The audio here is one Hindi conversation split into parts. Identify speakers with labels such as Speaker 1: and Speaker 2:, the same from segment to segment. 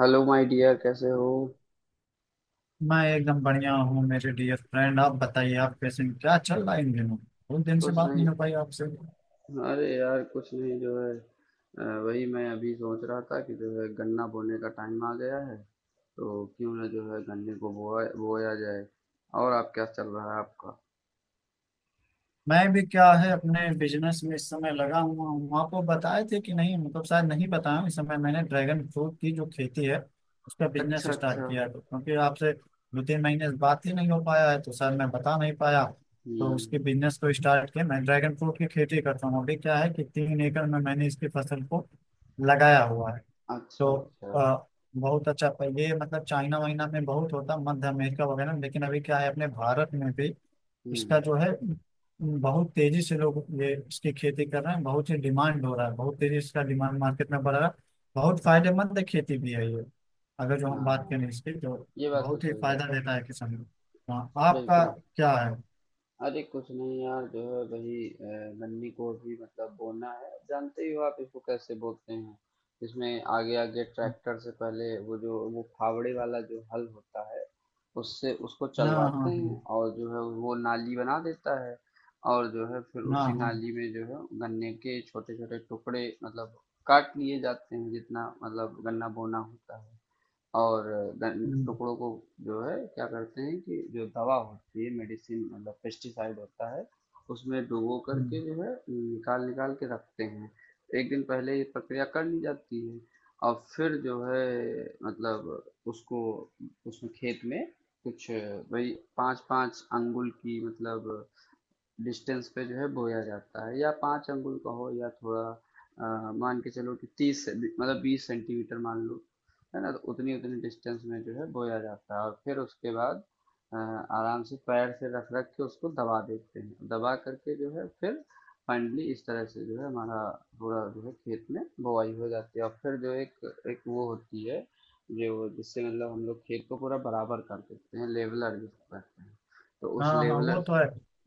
Speaker 1: हेलो माय डियर, कैसे हो?
Speaker 2: मैं एकदम बढ़िया हूँ मेरे डियर फ्रेंड। आप बताइए, आप कैसे हैं? क्या चल रहा है इन दिनों? बहुत दिन से
Speaker 1: कुछ
Speaker 2: बात
Speaker 1: नहीं।
Speaker 2: नहीं हो पाई आपसे।
Speaker 1: अरे यार, कुछ नहीं। जो है वही मैं अभी सोच रहा था कि जो है गन्ना बोने का टाइम आ गया है। तो क्यों ना जो है गन्ने को बोया बोया जाए। और आप? क्या चल रहा है आपका?
Speaker 2: मैं भी क्या है, अपने बिजनेस में इस समय लगा हुआ हूँ। आपको बताए थे कि नहीं, मतलब शायद नहीं बताया। इस समय मैंने ड्रैगन फ्रूट की जो खेती है उसका बिजनेस
Speaker 1: अच्छा,
Speaker 2: स्टार्ट
Speaker 1: अच्छा।
Speaker 2: किया है। क्योंकि आपसे 2 3 महीने से बात ही नहीं हो पाया है तो शायद मैं बता नहीं पाया। तो
Speaker 1: हम्म।
Speaker 2: उसके बिजनेस को स्टार्ट किया। मैं ड्रैगन फ्रूट की खेती करता हूँ। अभी क्या है कि 3 एकड़ में मैंने इसकी फसल को लगाया हुआ है।
Speaker 1: अच्छा,
Speaker 2: तो
Speaker 1: अच्छा।
Speaker 2: आ, बहुत अच्छा। पहले मतलब चाइना वाइना में बहुत होता, मध्य अमेरिका वगैरह में, लेकिन अभी क्या है, अपने भारत में भी इसका जो
Speaker 1: हम्म।
Speaker 2: है बहुत तेजी से लोग ये इसकी खेती कर रहे हैं। बहुत ही डिमांड हो रहा है, बहुत तेजी से इसका डिमांड मार्केट में बढ़ रहा है। बहुत फायदेमंद खेती भी है ये, अगर जो हम बात करें
Speaker 1: हाँ,
Speaker 2: इसकी तो।
Speaker 1: ये बात तो
Speaker 2: बहुत ही
Speaker 1: सही है।
Speaker 2: फायदा देता है किसान को। हाँ, आपका
Speaker 1: बिल्कुल।
Speaker 2: क्या है?
Speaker 1: अरे कुछ नहीं यार, जो है वही। गन्ने को भी मतलब बोना है, जानते ही हो आप इसको कैसे बोलते हैं। इसमें आगे आगे ट्रैक्टर से पहले वो, जो वो फावड़े वाला जो हल होता है, उससे उसको
Speaker 2: हाँ, हाँ,
Speaker 1: चलवाते हैं,
Speaker 2: हाँ,
Speaker 1: और जो है वो नाली बना देता है। और जो है फिर
Speaker 2: हाँ,
Speaker 1: उसी
Speaker 2: हाँ।
Speaker 1: नाली में जो है गन्ने के छोटे छोटे टुकड़े मतलब काट लिए जाते हैं, जितना मतलब गन्ना बोना होता है। और
Speaker 2: हम्म,
Speaker 1: टुकड़ों को जो है क्या करते हैं कि जो दवा होती है, मेडिसिन मतलब पेस्टिसाइड होता है, उसमें डुबो
Speaker 2: हम्म,
Speaker 1: करके जो है निकाल निकाल के रखते हैं। एक दिन पहले ये प्रक्रिया कर ली जाती है। और फिर जो है मतलब उसको, उसमें खेत में कुछ वही पाँच पाँच अंगुल की मतलब डिस्टेंस पे जो है बोया जाता है। या 5 अंगुल का हो, या थोड़ा मान के चलो कि मतलब 20 सेंटीमीटर मान लो, है ना। तो उतनी उतनी डिस्टेंस में जो है बोया जाता है, और फिर उसके बाद आराम से पैर से रख रख के उसको दबा देते हैं। दबा करके जो है फिर फाइनली इस तरह से जो है हमारा पूरा जो है खेत में बोआई हो जाती है। और फिर जो एक एक वो होती है, जो जिससे मतलब हम लोग खेत को पूरा बराबर कर देते हैं, लेवलर जिसको कहते हैं। तो उस
Speaker 2: हाँ, हाँ, वो
Speaker 1: लेवलर।
Speaker 2: तो है।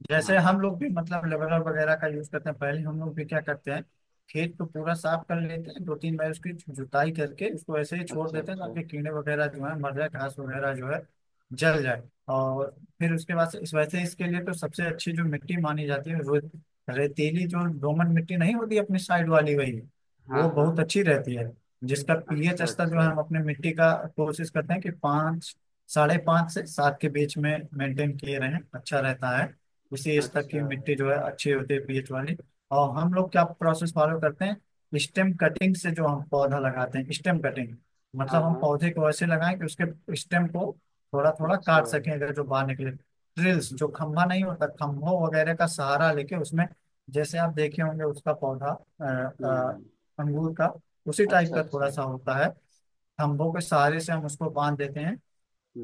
Speaker 2: जैसे
Speaker 1: हाँ।
Speaker 2: हम लोग भी, मतलब लेवलर वगैरह का यूज करते हैं। पहले हम लोग भी क्या करते हैं, खेत को पूरा साफ कर लेते हैं, 2 3 बार उसकी जुताई करके उसको ऐसे ही छोड़
Speaker 1: अच्छा,
Speaker 2: देते हैं
Speaker 1: अच्छा।
Speaker 2: ताकि कीड़े वगैरह जो है मर जाए, घास वगैरह जो है जल जाए। और फिर उसके बाद से, इस वैसे इसके लिए तो सबसे अच्छी जो मिट्टी मानी जाती है वो रेतीली जो दोमट मिट्टी नहीं होती अपनी साइड वाली, वही
Speaker 1: हाँ,
Speaker 2: वो
Speaker 1: हाँ।
Speaker 2: बहुत अच्छी रहती है। जिसका पीएच
Speaker 1: अच्छा,
Speaker 2: स्तर जो है
Speaker 1: अच्छा।
Speaker 2: हम अपने मिट्टी का कोशिश करते हैं कि पाँच, साढ़े पाँच से सात के बीच में मेंटेन किए रहें, अच्छा रहता है। उसी स्तर की
Speaker 1: अच्छा।
Speaker 2: मिट्टी जो है अच्छी होती है, पीएच वाली। और हम लोग क्या प्रोसेस फॉलो करते हैं, स्टेम कटिंग से जो हम पौधा लगाते हैं, स्टेम कटिंग।
Speaker 1: हाँ,
Speaker 2: मतलब हम
Speaker 1: हाँ।
Speaker 2: पौधे को ऐसे लगाएं कि उसके स्टेम को थोड़ा थोड़ा
Speaker 1: अच्छा।
Speaker 2: काट सकें, अगर जो बाहर निकले ड्रिल्स, जो खम्भा नहीं होता, खम्भों वगैरह का सहारा लेके उसमें। जैसे आप देखे होंगे उसका पौधा अ, अ,
Speaker 1: हुँ।
Speaker 2: अंगूर का उसी टाइप
Speaker 1: अच्छा,
Speaker 2: का थोड़ा
Speaker 1: अच्छा।
Speaker 2: सा होता है। खम्भों के सहारे से हम उसको बांध देते हैं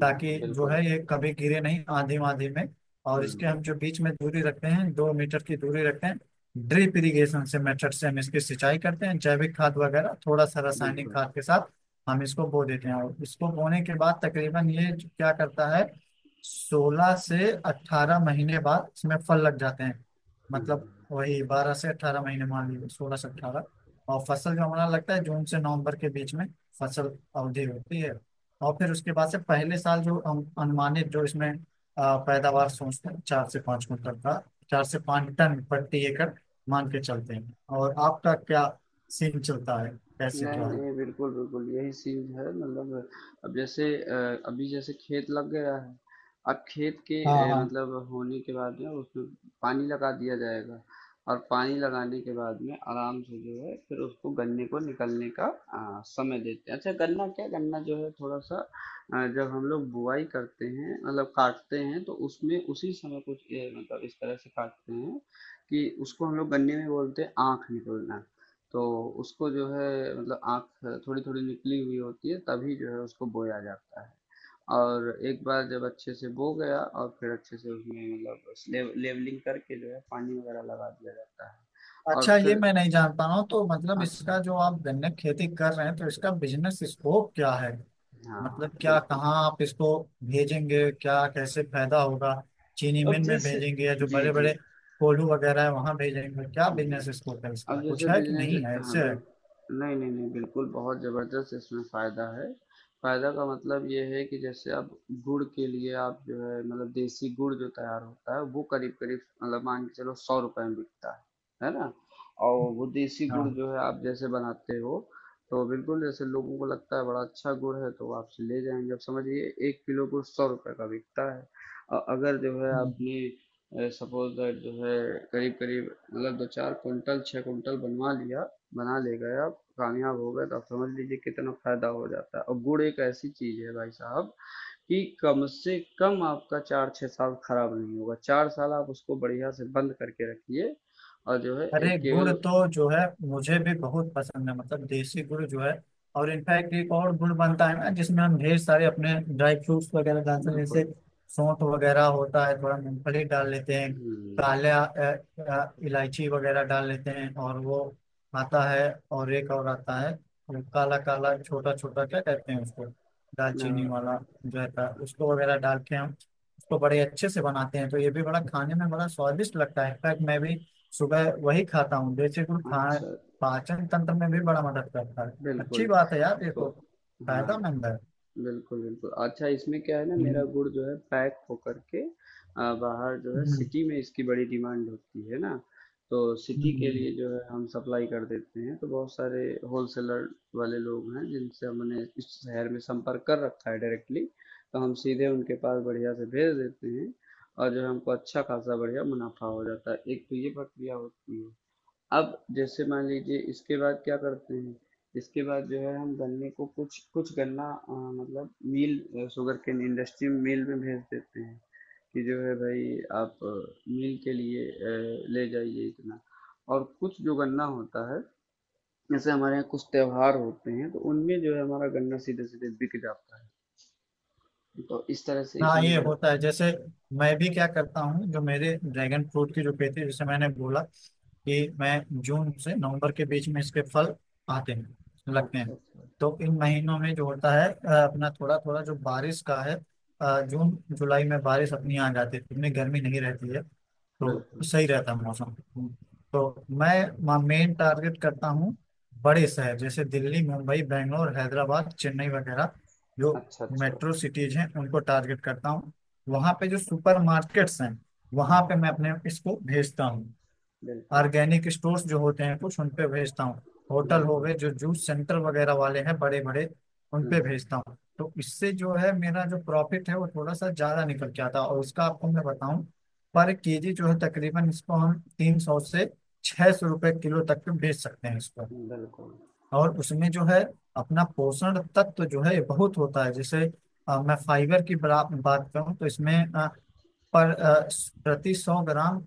Speaker 2: ताकि जो
Speaker 1: बिल्कुल।
Speaker 2: है ये कभी गिरे नहीं आंधी वांधी में। और इसके
Speaker 1: हुँ,
Speaker 2: हम जो बीच में दूरी रखते हैं, 2 मीटर की दूरी रखते हैं। ड्रिप इरिगेशन से, मेथड से हम इसकी सिंचाई करते हैं, जैविक खाद वगैरह थोड़ा सा रासायनिक
Speaker 1: बिल्कुल।
Speaker 2: खाद के साथ हम इसको बो देते हैं। और इसको बोने के बाद तकरीबन ये क्या करता है, 16 से 18 महीने बाद इसमें फल लग जाते हैं।
Speaker 1: हुँ।
Speaker 2: मतलब वही 12 से 18 महीने, मान लीजिए 16 से 18। और फसल जो हमारा लगता है जून से नवंबर के बीच में फसल अवधि होती है। और फिर उसके बाद से, पहले साल जो अनुमानित जो इसमें पैदावार सोचते हैं, 4 से 5 कुंटल का, 4 से 5 टन प्रति एकड़ मान के चलते हैं। और आपका क्या सीन चलता है, कैसे
Speaker 1: नहीं,
Speaker 2: क्या है?
Speaker 1: नहीं, बिल्कुल, बिल्कुल, यही चीज़ है मतलब। अब जैसे अभी जैसे खेत लग गया है, अब खेत के
Speaker 2: हाँ, हाँ।
Speaker 1: मतलब होने के बाद में उसमें पानी लगा दिया जाएगा। और पानी लगाने के बाद में आराम से जो है फिर उसको, गन्ने को निकलने का समय देते हैं। अच्छा गन्ना, क्या गन्ना जो है थोड़ा सा जब हम लोग बुआई करते हैं मतलब काटते हैं, तो उसमें उसी समय कुछ मतलब इस तरह से काटते हैं कि उसको हम लोग गन्ने में बोलते हैं आँख निकलना। तो उसको जो है मतलब आँख थोड़ी थोड़ी निकली हुई होती है, तभी जो है उसको बोया जाता है। और एक बार जब अच्छे से बो गया, और फिर अच्छे से उसमें मतलब लेवलिंग करके जो है पानी वगैरह लगा दिया जाता है। और
Speaker 2: अच्छा, ये
Speaker 1: फिर।
Speaker 2: मैं नहीं जानता हूँ, तो मतलब
Speaker 1: अच्छा।
Speaker 2: इसका, जो आप गन्ने की खेती कर रहे हैं, तो इसका बिजनेस स्कोप क्या है?
Speaker 1: हाँ,
Speaker 2: मतलब क्या,
Speaker 1: बिल्कुल।
Speaker 2: कहाँ आप इसको भेजेंगे, क्या कैसे फायदा होगा? चीनी मिल
Speaker 1: अब
Speaker 2: में
Speaker 1: जैसे।
Speaker 2: भेजेंगे या जो
Speaker 1: जी,
Speaker 2: बड़े
Speaker 1: जी।
Speaker 2: बड़े कोल्हू वगैरह है वहां भेजेंगे? क्या
Speaker 1: हम्म,
Speaker 2: बिजनेस स्कोप है इसका,
Speaker 1: अब
Speaker 2: कुछ
Speaker 1: जैसे
Speaker 2: है कि
Speaker 1: बिजनेस,
Speaker 2: नहीं है, ऐसे
Speaker 1: हाँ
Speaker 2: है?
Speaker 1: बिल्कुल, नहीं नहीं नहीं, बिल्कुल बहुत ज़बरदस्त इसमें फ़ायदा है। फ़ायदा का मतलब ये है कि जैसे अब गुड़ के लिए आप जो है मतलब देसी गुड़ जो तैयार होता है, वो करीब करीब मतलब मान के चलो सौ रुपए में बिकता है ना। और वो देसी गुड़
Speaker 2: हाँ।
Speaker 1: जो है आप जैसे बनाते हो, तो बिल्कुल जैसे लोगों को लगता है बड़ा अच्छा गुड़ है, तो वो आपसे ले जाएंगे। अब समझिए एक किलो गुड़ सौ रुपए का बिकता है। और अगर जो है
Speaker 2: हम्म।
Speaker 1: आपने सपोज दैट जो है करीब करीब मतलब दो चार कुंटल, छः कुंटल बनवा लिया, बना ले गए, आप कामयाब हो गए, तो आप समझ लीजिए कितना फायदा हो जाता है। और गुड़ एक ऐसी चीज है भाई साहब, कि कम से कम आपका चार छः साल खराब नहीं होगा। चार साल आप उसको बढ़िया से बंद करके रखिए। और जो है
Speaker 2: अरे
Speaker 1: एक
Speaker 2: गुड़
Speaker 1: केवल।
Speaker 2: तो जो है मुझे भी बहुत पसंद है, मतलब देसी गुड़ जो है। और इनफैक्ट एक और गुड़ बनता है ना, जिसमें हम ढेर सारे अपने ड्राई फ्रूट्स वगैरह डालते हैं, जैसे
Speaker 1: बिल्कुल।
Speaker 2: सौंठ वगैरह होता है, थोड़ा मूंगफली डाल लेते हैं,
Speaker 1: हम्म,
Speaker 2: काला इलायची वगैरह डाल लेते हैं, और वो आता है। और एक और आता है, वो काला काला छोटा छोटा, क्या कहते हैं उसको,
Speaker 1: आ,
Speaker 2: दालचीनी वाला जो रहता है उसको वगैरह डाल के हम उसको बड़े अच्छे से बनाते हैं। तो ये भी बड़ा, खाने में बड़ा स्वादिष्ट लगता है। इनफैक्ट मैं भी सुबह वही खाता हूँ, देसी गुड़ खाए।
Speaker 1: अच्छा।
Speaker 2: पाचन तंत्र में भी बड़ा मदद करता है।
Speaker 1: बिल्कुल।
Speaker 2: अच्छी बात है यार ये
Speaker 1: तो।
Speaker 2: तो,
Speaker 1: हाँ।
Speaker 2: फायदामंद है।
Speaker 1: बिल्कुल, बिल्कुल। अच्छा, इसमें क्या है ना, मेरा
Speaker 2: हम्म,
Speaker 1: गुड़ जो है पैक होकर के बाहर जो है
Speaker 2: हम्म,
Speaker 1: सिटी में इसकी बड़ी डिमांड होती है ना, तो सिटी के
Speaker 2: हम्म।
Speaker 1: लिए जो है हम सप्लाई कर देते हैं। तो बहुत सारे होलसेलर वाले लोग हैं जिनसे हमने इस शहर में संपर्क कर रखा है डायरेक्टली, तो हम सीधे उनके पास बढ़िया से भेज देते हैं। और जो है हमको अच्छा खासा बढ़िया मुनाफा हो जाता है। एक तो ये प्रक्रिया होती है। अब जैसे मान लीजिए इसके बाद क्या करते हैं, इसके बाद जो है हम गन्ने को, कुछ कुछ गन्ना मतलब mill, sugar cane industry mill में भेज देते हैं, कि जो है भाई आप मिल के लिए ले जाइए इतना। और कुछ जो गन्ना होता है, जैसे हमारे यहाँ कुछ त्योहार होते हैं, तो उनमें जो है हमारा गन्ना सीधे सीधे बिक जाता है। तो इस तरह से
Speaker 2: हाँ,
Speaker 1: इसमें
Speaker 2: ये
Speaker 1: जो है।
Speaker 2: होता है। जैसे मैं भी क्या करता हूँ, जो मेरे ड्रैगन फ्रूट की जो खेती है, जैसे मैंने बोला कि मैं जून से नवंबर के बीच में इसके फल आते हैं, लगते हैं।
Speaker 1: अच्छा, अच्छा।
Speaker 2: तो इन महीनों में जो होता है, अपना थोड़ा थोड़ा जो बारिश का है, जून जुलाई में बारिश अपनी आ जाती है, इतनी गर्मी नहीं रहती है, तो
Speaker 1: बिल्कुल।
Speaker 2: सही रहता है मौसम। तो मैं मेन टारगेट करता हूँ बड़े शहर, जैसे दिल्ली, मुंबई, बेंगलोर, हैदराबाद, चेन्नई वगैरह जो
Speaker 1: अच्छा, अच्छा।
Speaker 2: मेट्रो सिटीज हैं उनको टारगेट करता हूँ। वहाँ पे जो सुपर मार्केट्स हैं वहाँ
Speaker 1: हाँ,
Speaker 2: पे मैं अपने इसको भेजता हूँ।
Speaker 1: बिल्कुल।
Speaker 2: ऑर्गेनिक स्टोर्स जो होते हैं कुछ उन पे भेजता हूँ। होटल हो
Speaker 1: बिल्कुल।
Speaker 2: गए, जो जूस सेंटर वगैरह वाले हैं बड़े बड़े उन पे
Speaker 1: हम्म।
Speaker 2: भेजता हूँ। तो इससे जो है मेरा जो प्रॉफिट है वो थोड़ा सा ज्यादा निकल के आता है। और उसका आपको मैं बताऊं, पर केजी जो है तकरीबन इसको हम 300 से 600 रुपए किलो तक के बेच सकते हैं इसको।
Speaker 1: बिल्कुल।
Speaker 2: और उसमें जो है अपना पोषण तत्व जो है बहुत होता है। जैसे मैं फाइबर की बात करूं तो इसमें पर प्रति 100 ग्राम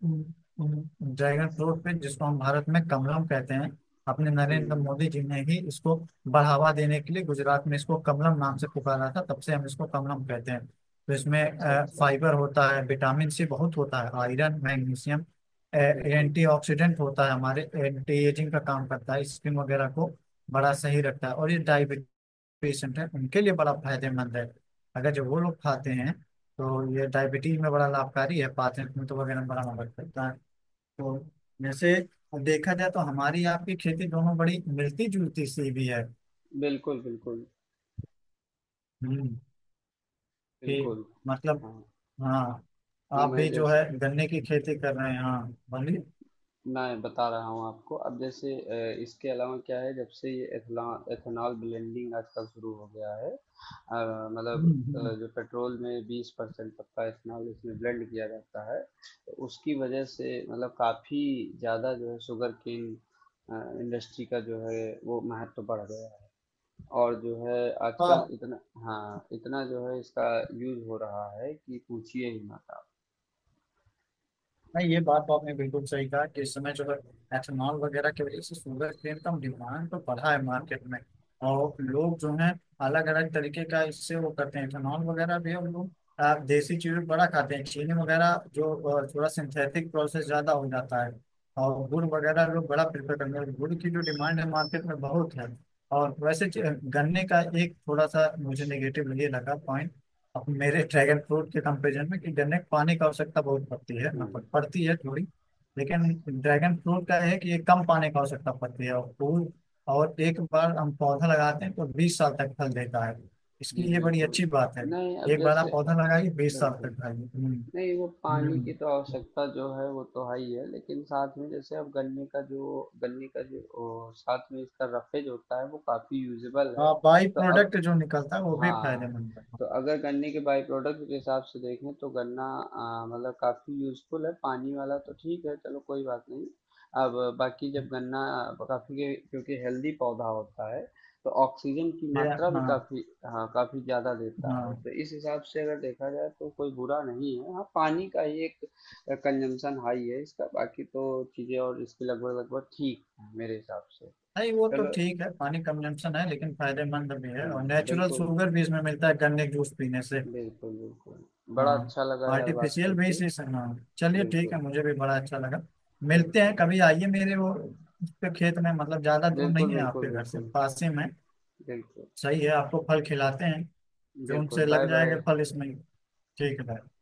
Speaker 2: ड्रैगन फ्रूट पे, जिसको हम भारत में कमलम कहते हैं, अपने नरेंद्र मोदी
Speaker 1: हुँ।
Speaker 2: जी ने ही इसको बढ़ावा देने के लिए गुजरात में इसको कमलम नाम से पुकारा था, तब से हम इसको कमलम कहते हैं। तो इसमें
Speaker 1: अच्छा, अच्छा।
Speaker 2: फाइबर होता है, विटामिन सी बहुत होता है, आयरन, मैग्नीशियम,
Speaker 1: बिल्कुल।
Speaker 2: एंटी ऑक्सीडेंट होता है, हमारे एंटी एजिंग का काम करता है, स्किन वगैरह को बड़ा सही रखता है। और ये डायबिटीज पेशेंट है उनके लिए बड़ा फायदेमंद है, अगर जब वो लोग खाते हैं तो ये डायबिटीज में बड़ा लाभकारी है। पाचनतंत्र वगैरह में बड़ा मदद करता है। तो जैसे देखा जाए तो हमारी आपकी खेती दोनों बड़ी मिलती जुलती सी भी है।
Speaker 1: बिल्कुल, बिल्कुल,
Speaker 2: हम्म। कि
Speaker 1: बिल्कुल।
Speaker 2: मतलब,
Speaker 1: हाँ,
Speaker 2: हाँ,
Speaker 1: अब
Speaker 2: आप
Speaker 1: मैं
Speaker 2: भी जो
Speaker 1: जैसे
Speaker 2: है गन्ने की खेती कर रहे हैं, हाँ, बोलिए।
Speaker 1: मैं बता रहा हूँ आपको। अब जैसे इसके अलावा क्या है, जब से ये एथला एथेनॉल ब्लेंडिंग आजकल शुरू हो गया है, मतलब
Speaker 2: हम्म हम्म।
Speaker 1: जो पेट्रोल में 20% तक का एथेनॉल इसमें ब्लेंड किया जाता है, तो उसकी वजह से मतलब काफ़ी ज़्यादा जो है शुगरकेन अ, इंडस्ट्री का जो है वो महत्व बढ़ गया है। और जो है आजकल
Speaker 2: हाँ,
Speaker 1: इतना, हाँ, इतना जो है इसका यूज़ हो रहा है कि पूछिए ही मत आप।
Speaker 2: नहीं, ये बात तो आपने बिल्कुल सही कहा कि इस समय जो है एथेनॉल वगैरह की वजह से शुगर केन का डिमांड तो बढ़ा है मार्केट में। और लोग जो है अलग अलग तरीके का इससे वो करते हैं, एथेनॉल वगैरह भी। हम लोग देसी चीजें बड़ा खाते हैं, चीनी वगैरह जो थोड़ा सिंथेटिक प्रोसेस ज्यादा हो जाता है, और गुड़ वगैरह लोग बड़ा प्रेफर करते हैं। गुड़ की जो डिमांड है मार्केट में बहुत है। और वैसे गन्ने का एक थोड़ा सा मुझे नेगेटिव ये लगा पॉइंट, अब मेरे ड्रैगन फ्रूट के कंपेरिजन में, कि गन्ने को पानी की आवश्यकता बहुत पड़ती है
Speaker 1: हुँ।
Speaker 2: ना, पड़ती है थोड़ी। लेकिन ड्रैगन फ्रूट का है कि ये कम पानी की आवश्यकता पड़ती है। और फूल, और एक बार हम पौधा लगाते हैं तो 20 साल तक फल देता है,
Speaker 1: जी,
Speaker 2: इसकी ये बड़ी
Speaker 1: बिल्कुल।
Speaker 2: अच्छी बात है।
Speaker 1: नहीं, अब
Speaker 2: एक बार
Speaker 1: जैसे।
Speaker 2: आप पौधा लगाइए, 20 साल तक
Speaker 1: बिल्कुल।
Speaker 2: खाइए।
Speaker 1: नहीं, वो पानी की
Speaker 2: हम्म।
Speaker 1: तो आवश्यकता जो है वो तो है ही है, लेकिन साथ में जैसे अब गन्ने का जो, गन्ने का जो ओ साथ में इसका रफ़ेज होता है, वो काफ़ी यूज़ेबल है।
Speaker 2: हाँ, बाई
Speaker 1: तो अब।
Speaker 2: प्रोडक्ट जो निकलता है वो भी
Speaker 1: हाँ,
Speaker 2: फायदेमंद है।
Speaker 1: तो अगर गन्ने के बाय प्रोडक्ट के हिसाब से देखें तो गन्ना मतलब काफ़ी यूज़फुल है। पानी वाला तो ठीक है, चलो कोई बात नहीं। अब बाकी जब गन्ना काफ़ी, क्योंकि हेल्दी पौधा होता है, तो ऑक्सीजन की
Speaker 2: ये,
Speaker 1: मात्रा भी
Speaker 2: हाँ,
Speaker 1: काफ़ी, हाँ, काफ़ी ज़्यादा देता है।
Speaker 2: हाँ।
Speaker 1: तो इस हिसाब से अगर देखा जाए तो कोई बुरा नहीं है। हाँ, पानी का ही एक कंजम्पशन हाई है इसका, बाकी तो चीज़ें और इसकी लगभग लगभग ठीक है मेरे हिसाब से।
Speaker 2: नहीं, वो तो
Speaker 1: चलो।
Speaker 2: ठीक है, पानी कंजम्पशन है, लेकिन फायदेमंद भी है, और नेचुरल
Speaker 1: बिल्कुल।
Speaker 2: शुगर भी इसमें मिलता है गन्ने के जूस पीने से।
Speaker 1: बिल्कुल, बिल्कुल। बड़ा
Speaker 2: हाँ,
Speaker 1: अच्छा लगा यार बात
Speaker 2: आर्टिफिशियल भी
Speaker 1: करके।
Speaker 2: इसी से, हाँ। चलिए ठीक
Speaker 1: बिल्कुल,
Speaker 2: है, मुझे भी बड़ा अच्छा लगा। मिलते हैं
Speaker 1: बिल्कुल।
Speaker 2: कभी, आइए मेरे वो उस पे खेत में, मतलब ज्यादा दूर नहीं
Speaker 1: बिल्कुल,
Speaker 2: है
Speaker 1: बिल्कुल,
Speaker 2: आपके घर से,
Speaker 1: बिल्कुल।
Speaker 2: पास ही में।
Speaker 1: बिल्कुल,
Speaker 2: सही है, आपको फल खिलाते हैं, जून
Speaker 1: बिल्कुल।
Speaker 2: से लग जाएगा
Speaker 1: बाय-बाय।
Speaker 2: फल इसमें। ठीक है भाई।